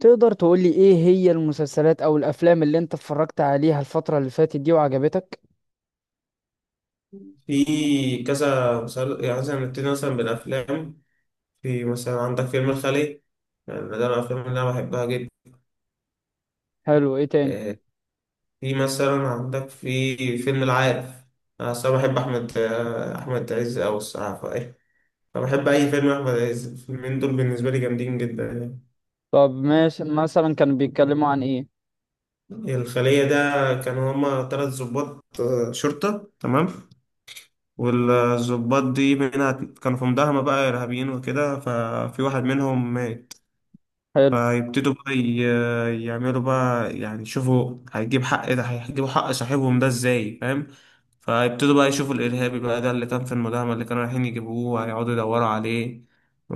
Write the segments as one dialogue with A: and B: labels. A: تقدر تقولي ايه هي المسلسلات او الافلام اللي انت اتفرجت عليها الفترة اللي فاتت دي وعجبتك؟
B: في كذا يعني مثلا نبتدي مثلا بالأفلام. في مثلا عندك فيلم الخلية. يعني ده من الأفلام اللي أنا بحبها جدا.
A: حلو. ايه تاني؟
B: آه، في مثلا عندك في فيلم العارف. أنا أصلا بحب أحمد عز أوي الصراحة فإيه فبحب أي فيلم أحمد عز. الفيلمين دول بالنسبة لي جامدين جدا يعني.
A: طب ماشي، مثلا كانوا بيتكلموا عن ايه؟
B: الخلية ده كانوا هما تلات ظباط شرطة. تمام. والظباط دي منها كانوا في مداهمة بقى إرهابيين وكده ففي واحد منهم مات.
A: حلو.
B: فيبتدوا بقى يعملوا بقى يعني يشوفوا هيجيب حق ده، هيجيبوا حق صاحبهم ده ازاي فاهم. فيبتدوا بقى يشوفوا الإرهابي بقى ده اللي كان في المداهمة اللي كانوا رايحين يجيبوه. هيقعدوا يدوروا عليه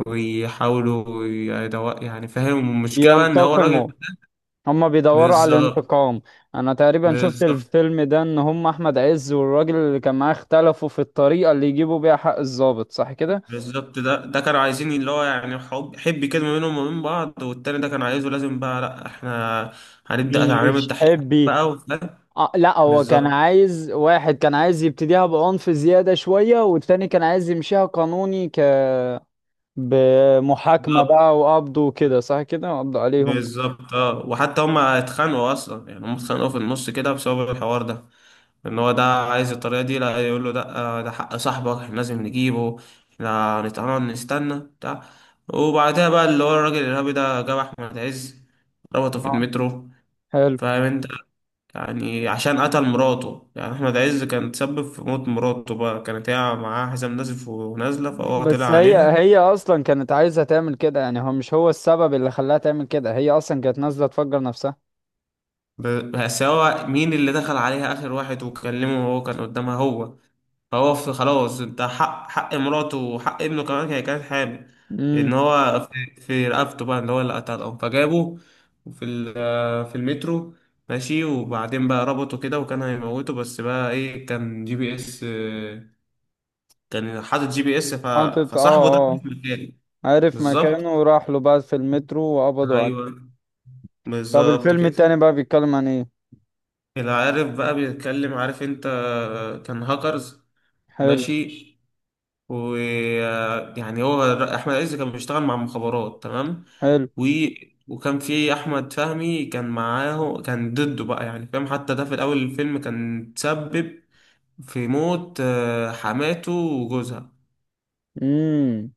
B: ويحاولوا يدور يعني فاهم المشكلة بقى إن هو الراجل.
A: ينتقموا. هما بيدوروا على
B: بالظبط.
A: الانتقام. انا تقريبا شفت
B: بالظبط.
A: الفيلم ده، ان هم احمد عز والراجل اللي كان معاه اختلفوا في الطريقة اللي يجيبوا بيها حق الضابط، صح كده؟
B: بالظبط ده كانوا عايزين اللي هو يعني حب حب كده ما بينهم وما بين بعض، والتاني ده كان عايزه لازم بقى لأ، احنا هنبدأ تعميم
A: مش
B: التحقيقات
A: حبي.
B: بقى وفاهم.
A: آه لا، هو كان
B: بالظبط.
A: عايز، واحد كان عايز يبتديها بعنف زيادة شوية والتاني كان عايز يمشيها قانوني، ك بمحاكمة
B: بالظبط.
A: بقى وقبض وكده، صح كده؟ قبض عليهم.
B: بالظبط اه. وحتى هما اتخانقوا اصلا يعني، هما اتخانقوا في النص كده بسبب الحوار ده. ان هو ده عايز الطريقه دي، لا يقول له ده حق صاحبك احنا لازم نجيبه. احنا هنتقرب نستنى بتاع. وبعدها بقى اللي هو الراجل الارهابي ده جاب احمد عز ربطه في
A: آه.
B: المترو.
A: حلو.
B: فاهم انت. يعني عشان قتل مراته، يعني احمد عز كان تسبب في موت مراته بقى، كانت هي معاها حزام نازف ونازله فهو طلع
A: بس هي
B: عليها.
A: هي اصلا كانت عايزة تعمل كده، يعني هو مش هو السبب اللي خلاها تعمل كده، هي اصلا كانت نازلة تفجر نفسها.
B: بس هو مين اللي دخل عليها اخر واحد وكلمه وهو كان قدامها، هو. فهو في خلاص انت حق حق مراته وحق ابنه، كمان هي كانت حامل.
A: امم
B: ان هو في رقبته بقى اللي هو اللي قتلهم، فجابه في المترو. ماشي وبعدين بقى ربطه كده وكان هيموته، بس بقى ايه كان جي بي اس، كان حاطط جي بي اس
A: حاطط اه
B: فصاحبه ده كان
A: اه.
B: في مكانه.
A: عارف
B: بالظبط.
A: مكانه وراح له بقى في المترو وقبضوا عليه.
B: ايوه.
A: طب
B: بالظبط
A: الفيلم
B: كده.
A: التاني بقى بيتكلم عن ايه؟
B: العارف بقى بيتكلم، عارف انت كان هاكرز.
A: حلو.
B: ماشي. ويعني هو احمد عز كان بيشتغل مع المخابرات. تمام.
A: حلو.
B: و... وكان في احمد فهمي كان معاه كان ضده بقى يعني فاهم. حتى ده في الاول الفيلم كان تسبب في موت حماته وجوزها.
A: امم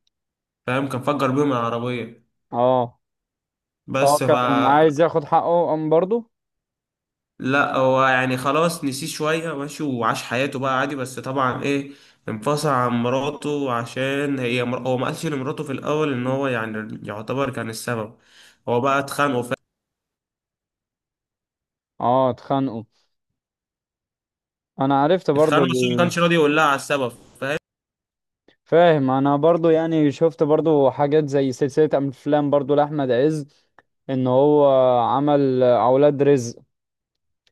B: فاهم كان فجر بيهم العربية.
A: اه، هو
B: بس ف
A: كان عايز ياخد حقه قام برضه؟
B: لا هو يعني خلاص نسيه شوية، ماشي وعاش حياته بقى عادي. بس طبعا ايه، انفصل عن مراته عشان هو ما قالش لمراته في الاول ان هو يعني يعتبر كان السبب. هو بقى اتخانقوا.
A: اه، اتخانقوا. انا عرفت برضه.
B: اتخانقوا بس هو ما كانش راضي يقول لها على السبب فاهم.
A: فاهم. انا برضو يعني شفت برضو حاجات زي سلسلة افلام برضو لاحمد عز، ان هو عمل اولاد رزق،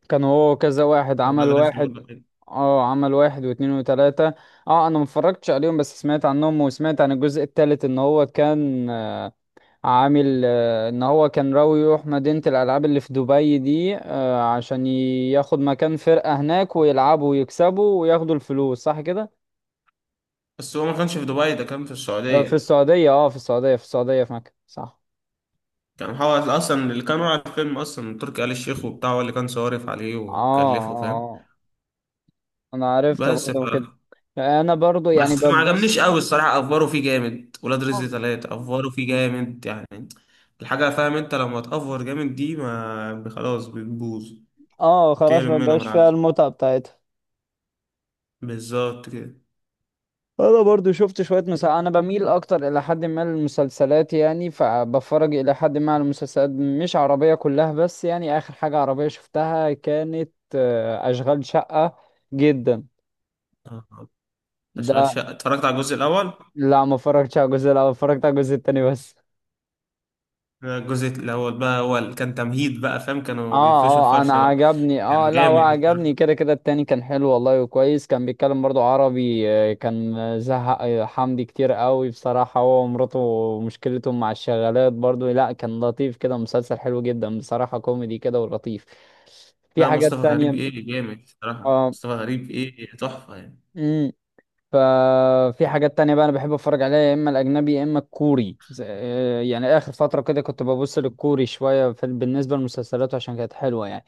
A: كان هو كذا واحد،
B: ولا
A: عمل
B: ده رزق ولا
A: واحد،
B: حاجة.
A: اه عمل واحد واتنين وتلاتة. اه انا متفرجتش عليهم بس سمعت عنهم، وسمعت عن الجزء التالت ان هو كان عامل ان هو كان راوي يروح مدينة الالعاب اللي في دبي دي، عشان ياخد مكان فرقة هناك ويلعبوا ويكسبوا وياخدوا الفلوس، صح كده؟
B: بس هو ما كانش في دبي، ده كان في
A: في
B: السعودية.
A: السعودية، اه في السعودية، في السعودية في مكة، صح.
B: كان هو اصلا اللي كان على الفيلم اصلا تركي آل الشيخ وبتاع، هو اللي كان صارف عليه
A: اه
B: وكلفه
A: اه
B: فاهم.
A: آه. انا عرفت
B: بس ف...
A: برضه كده. انا برضه يعني
B: بس ما عجبنيش
A: ببص.
B: قوي الصراحة. افوروا فيه جامد، ولاد رزق ثلاثة افوروا فيه جامد يعني. الحاجة فاهم انت لما تأفور جامد دي ما خلاص بتبوظ.
A: اه خلاص،
B: تقل
A: ما
B: منهم
A: بقاش فيها
B: بالعكس.
A: المتعة بتاعتها.
B: بالظبط كده.
A: انا برضو شفت شوية مسلسلات، انا بميل اكتر الى حد ما للمسلسلات، يعني فبفرج الى حد ما على المسلسلات، مش عربية كلها بس، يعني اخر حاجة عربية شفتها كانت اشغال شقة. جدا
B: آه. اشغال
A: ده.
B: شقة اتفرجت على الجزء الاول.
A: لا ما اتفرجتش على الجزء الاول، اتفرجت على الجزء التاني بس.
B: الجزء الأول بقى هو كان تمهيد بقى فاهم،
A: اه
B: كانوا بيفرشوا
A: اه، انا
B: الفرشة بقى.
A: عجبني، اه
B: كان
A: لا هو
B: جامد
A: عجبني
B: الصراحة.
A: كده كده، التاني كان حلو والله وكويس، كان بيتكلم برضو عربي، كان زهق، حمدي كتير قوي بصراحة هو ومراته، مشكلتهم مع الشغالات برضو، لا كان لطيف كده، مسلسل حلو جدا بصراحة، كوميدي كده ولطيف. في
B: لا،
A: حاجات
B: مصطفى غريب
A: تانية؟
B: إيه جامد الصراحة.
A: اه.
B: مصطفى غريب إيه تحفة يعني.
A: امم ففي حاجات تانية بقى انا بحب اتفرج عليها، يا اما الاجنبي يا اما الكوري، يعني اخر فترة كده كنت ببص للكوري شوية بالنسبة للمسلسلات، عشان كانت حلوة يعني.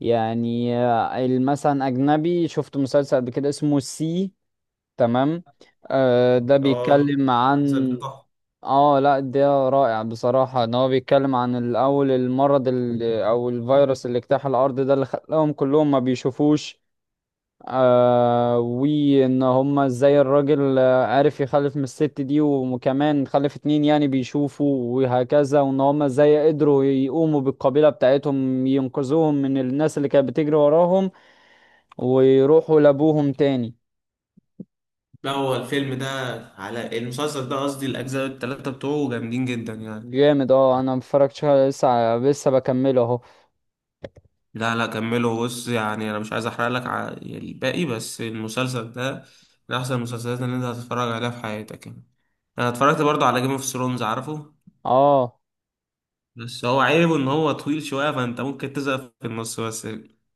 A: يعني مثلا اجنبي شفت مسلسل قبل كده اسمه سي. تمام. آه ده
B: اه،
A: بيتكلم
B: المسلسل
A: عن،
B: ده تحفة.
A: اه لا ده رائع بصراحة، ان هو بيتكلم عن الاول المرض اللي او الفيروس اللي اجتاح الارض ده، اللي خلاهم كلهم ما بيشوفوش، آه، وان هما ازاي الراجل عرف يخلف من الست دي، وكمان خلف اتنين يعني بيشوفوا وهكذا، وان هما ازاي قدروا يقوموا بالقبيلة بتاعتهم ينقذوهم من الناس اللي كانت بتجري وراهم، ويروحوا لابوهم تاني.
B: لا هو الفيلم ده على المسلسل ده قصدي، الأجزاء التلاتة بتوعه جامدين جدا يعني.
A: جامد، اه انا متفرجتش لسه بكمله اهو.
B: لا لا كمله بص، يعني أنا مش عايز أحرق لك يعني الباقي. بس المسلسل ده من أحسن المسلسلات اللي أنت هتتفرج عليها في حياتك يعني. أنا اتفرجت برضه على جيم اوف ثرونز عارفه.
A: اه.
B: بس هو عيبه ان هو طويل شوية فانت ممكن تزهق في النص. بس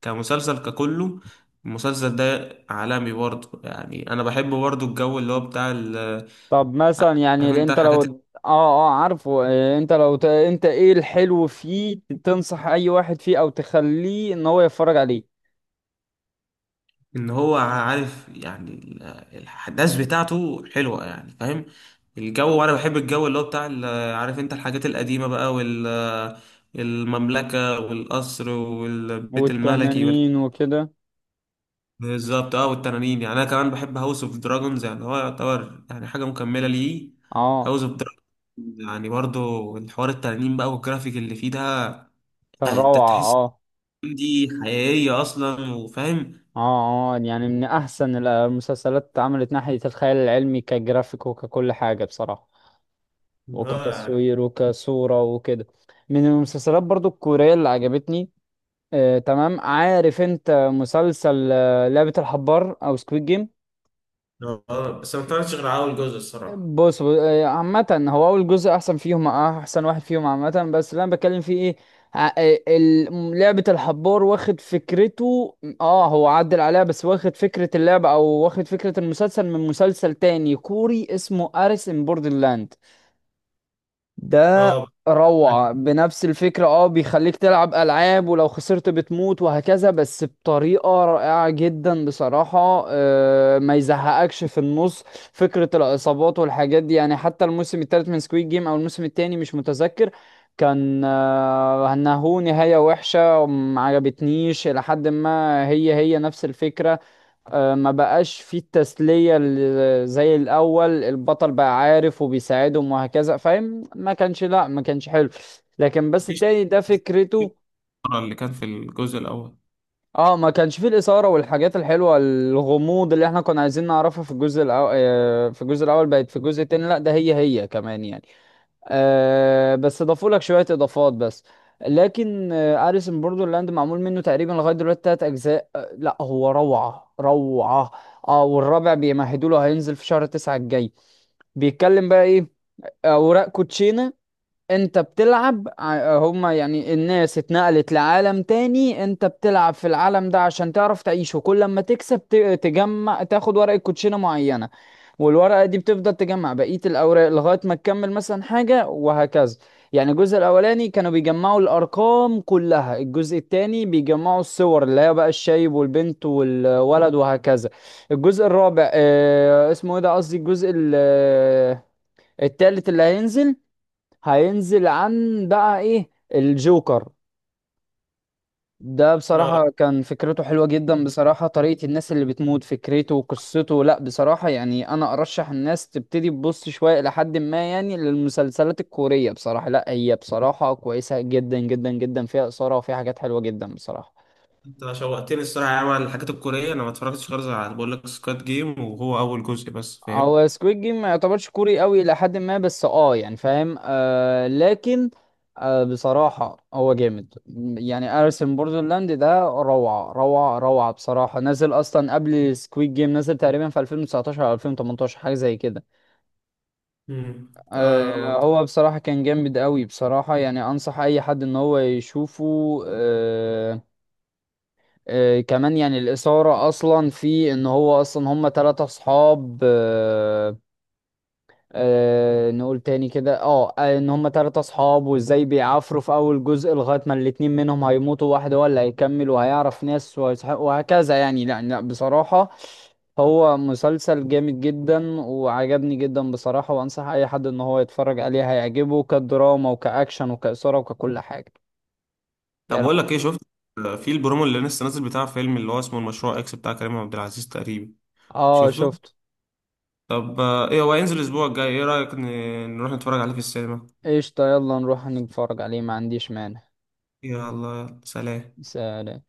B: كمسلسل ككله، المسلسل ده عالمي برضه يعني. انا بحب برضه الجو اللي هو بتاع
A: طب مثلا يعني
B: عارف انت
A: انت لو،
B: الحاجات
A: اه. اه عارفه، انت لو انت ايه الحلو فيه تنصح اي واحد فيه او تخليه ان هو يتفرج عليه؟
B: ان هو عارف يعني الاحداث بتاعته حلوة يعني فاهم. الجو، وانا بحب الجو اللي هو بتاع عارف انت الحاجات القديمة بقى المملكة والقصر والبيت الملكي.
A: والتنانين وكده.
B: بالظبط اه، والتنانين. يعني انا كمان بحب هاوس اوف دراجونز، يعني هو يعتبر يعني حاجه مكمله ليه.
A: اه
B: هاوس اوف دراجونز يعني برضو الحوار التنانين بقى والجرافيك اللي فيه ده.
A: كان
B: آه، انت
A: روعة
B: تحس
A: اه.
B: إن دي حقيقيه اصلا وفاهم.
A: اه اه يعني من احسن المسلسلات اتعملت ناحية الخيال العلمي، كجرافيك وككل حاجة بصراحة،
B: اه يعني.
A: وكتصوير وكصورة وكده. من المسلسلات برضو الكورية اللي عجبتني، تمام، عارف انت مسلسل لعبة الحبار او سكويد جيم؟
B: اه آه، بس ما اتفرجتش غير على اول جزء الصراحه.
A: بص ب- آه، عامة هو اول جزء احسن فيهم، احسن واحد فيهم عامة، بس اللي انا بتكلم فيه ايه، لعبة الحبار واخد فكرته، اه هو عدل عليها، بس واخد فكرة اللعبة او واخد فكرة المسلسل من مسلسل تاني كوري اسمه اريس ان بوردرلاند ده.
B: اه،
A: روعة بنفس الفكرة، اه بيخليك تلعب ألعاب ولو خسرت بتموت وهكذا، بس بطريقة رائعة جدا بصراحة، ما يزهقكش في النص، فكرة الإصابات والحاجات دي. يعني حتى الموسم الثالث من سكويد جيم أو الموسم الثاني، مش متذكر، كان انه نهاية وحشة ما عجبتنيش، إلى حد ما هي هي نفس الفكرة، ما بقاش فيه التسلية زي الأول، البطل بقى عارف وبيساعدهم وهكذا، فاهم؟ ما كانش، لا ما كانش حلو. لكن بس
B: مفيش
A: التاني ده فكرته،
B: اللي كان في الجزء الاول.
A: اه ما كانش فيه الإثارة والحاجات الحلوة، الغموض اللي احنا كنا عايزين نعرفها في الجزء الأول، في الجزء الأول بقت، في الجزء التاني لا ده هي هي كمان يعني، آه بس اضافوا لك شويه اضافات بس. لكن آه اريس ان بوردرلاند معمول منه تقريبا لغايه دلوقتي تلات اجزاء، آه لا هو روعه روعه. اه والرابع بيمهدوا له، هينزل في شهر تسعة الجاي. بيتكلم بقى ايه؟ اوراق كوتشينه، انت بتلعب هما يعني الناس اتنقلت لعالم تاني، انت بتلعب في العالم ده عشان تعرف تعيشه، كل لما تكسب تجمع، تاخد ورقة كوتشينة معينة، والورقة دي بتفضل تجمع بقية الأوراق لغاية ما تكمل مثلا حاجة وهكذا. يعني الجزء الأولاني كانوا بيجمعوا الأرقام كلها، الجزء التاني بيجمعوا الصور اللي هي بقى الشايب والبنت والولد وهكذا. الجزء الرابع اه اسمه ايه ده، قصدي الجزء التالت اللي هينزل، هينزل عن بقى ايه، الجوكر ده.
B: اه
A: بصراحة كان فكرته حلوة جدا بصراحة، طريقة الناس اللي بتموت، فكرته وقصته، لا بصراحة يعني انا ارشح الناس تبتدي تبص شوية لحد ما يعني للمسلسلات الكورية، بصراحة لا هي بصراحة كويسة جدا جدا جدا، فيها اثارة وفيها حاجات حلوة جدا بصراحة.
B: انت شوقتني الصراحه يا عم على الحاجات الكوريه. انا ما اتفرجتش غير على، بقول لك، سكواد جيم، وهو اول جزء بس فاهم.
A: هو سكويد جيم ما يعتبرش كوري قوي الى حد ما، بس اه يعني فاهم، آه لكن آه بصراحة هو جامد، يعني ارسم بوردرلاند ده روعة روعة روعة بصراحة، نزل اصلا قبل سكويد جيم، نزل تقريبا في 2019 او 2018 حاجة زي كده.
B: مم.
A: آه
B: اه.
A: هو بصراحة كان جامد قوي بصراحة، يعني انصح اي حد ان هو يشوفه. آه. آه كمان يعني الاثارة اصلا في ان هو اصلا هم ثلاثة اصحاب، آه أه نقول تاني كده، اه ان هم تلاتة اصحاب، وازاي بيعافروا في اول جزء لغاية ما الاتنين منهم هيموتوا، واحد هو اللي هيكمل وهيعرف ناس وهكذا يعني. لا لا بصراحة هو مسلسل جامد جدا وعجبني جدا بصراحة، وانصح اي حد ان هو يتفرج عليه، هيعجبه كدراما وكأكشن وكإثارة وككل حاجة
B: طب
A: يعني.
B: بقول لك ايه، شفت في البرومو اللي لسه نازل بتاع فيلم اللي هو اسمه المشروع اكس بتاع كريم عبد العزيز تقريبا.
A: اه
B: شفته.
A: شفته.
B: طب ايه هو هينزل الاسبوع الجاي. ايه رأيك نروح نتفرج عليه في السينما؟
A: قشطة يلا نروح نتفرج عليه، ما عنديش مانع.
B: يلا. يلا سلام.
A: سلام.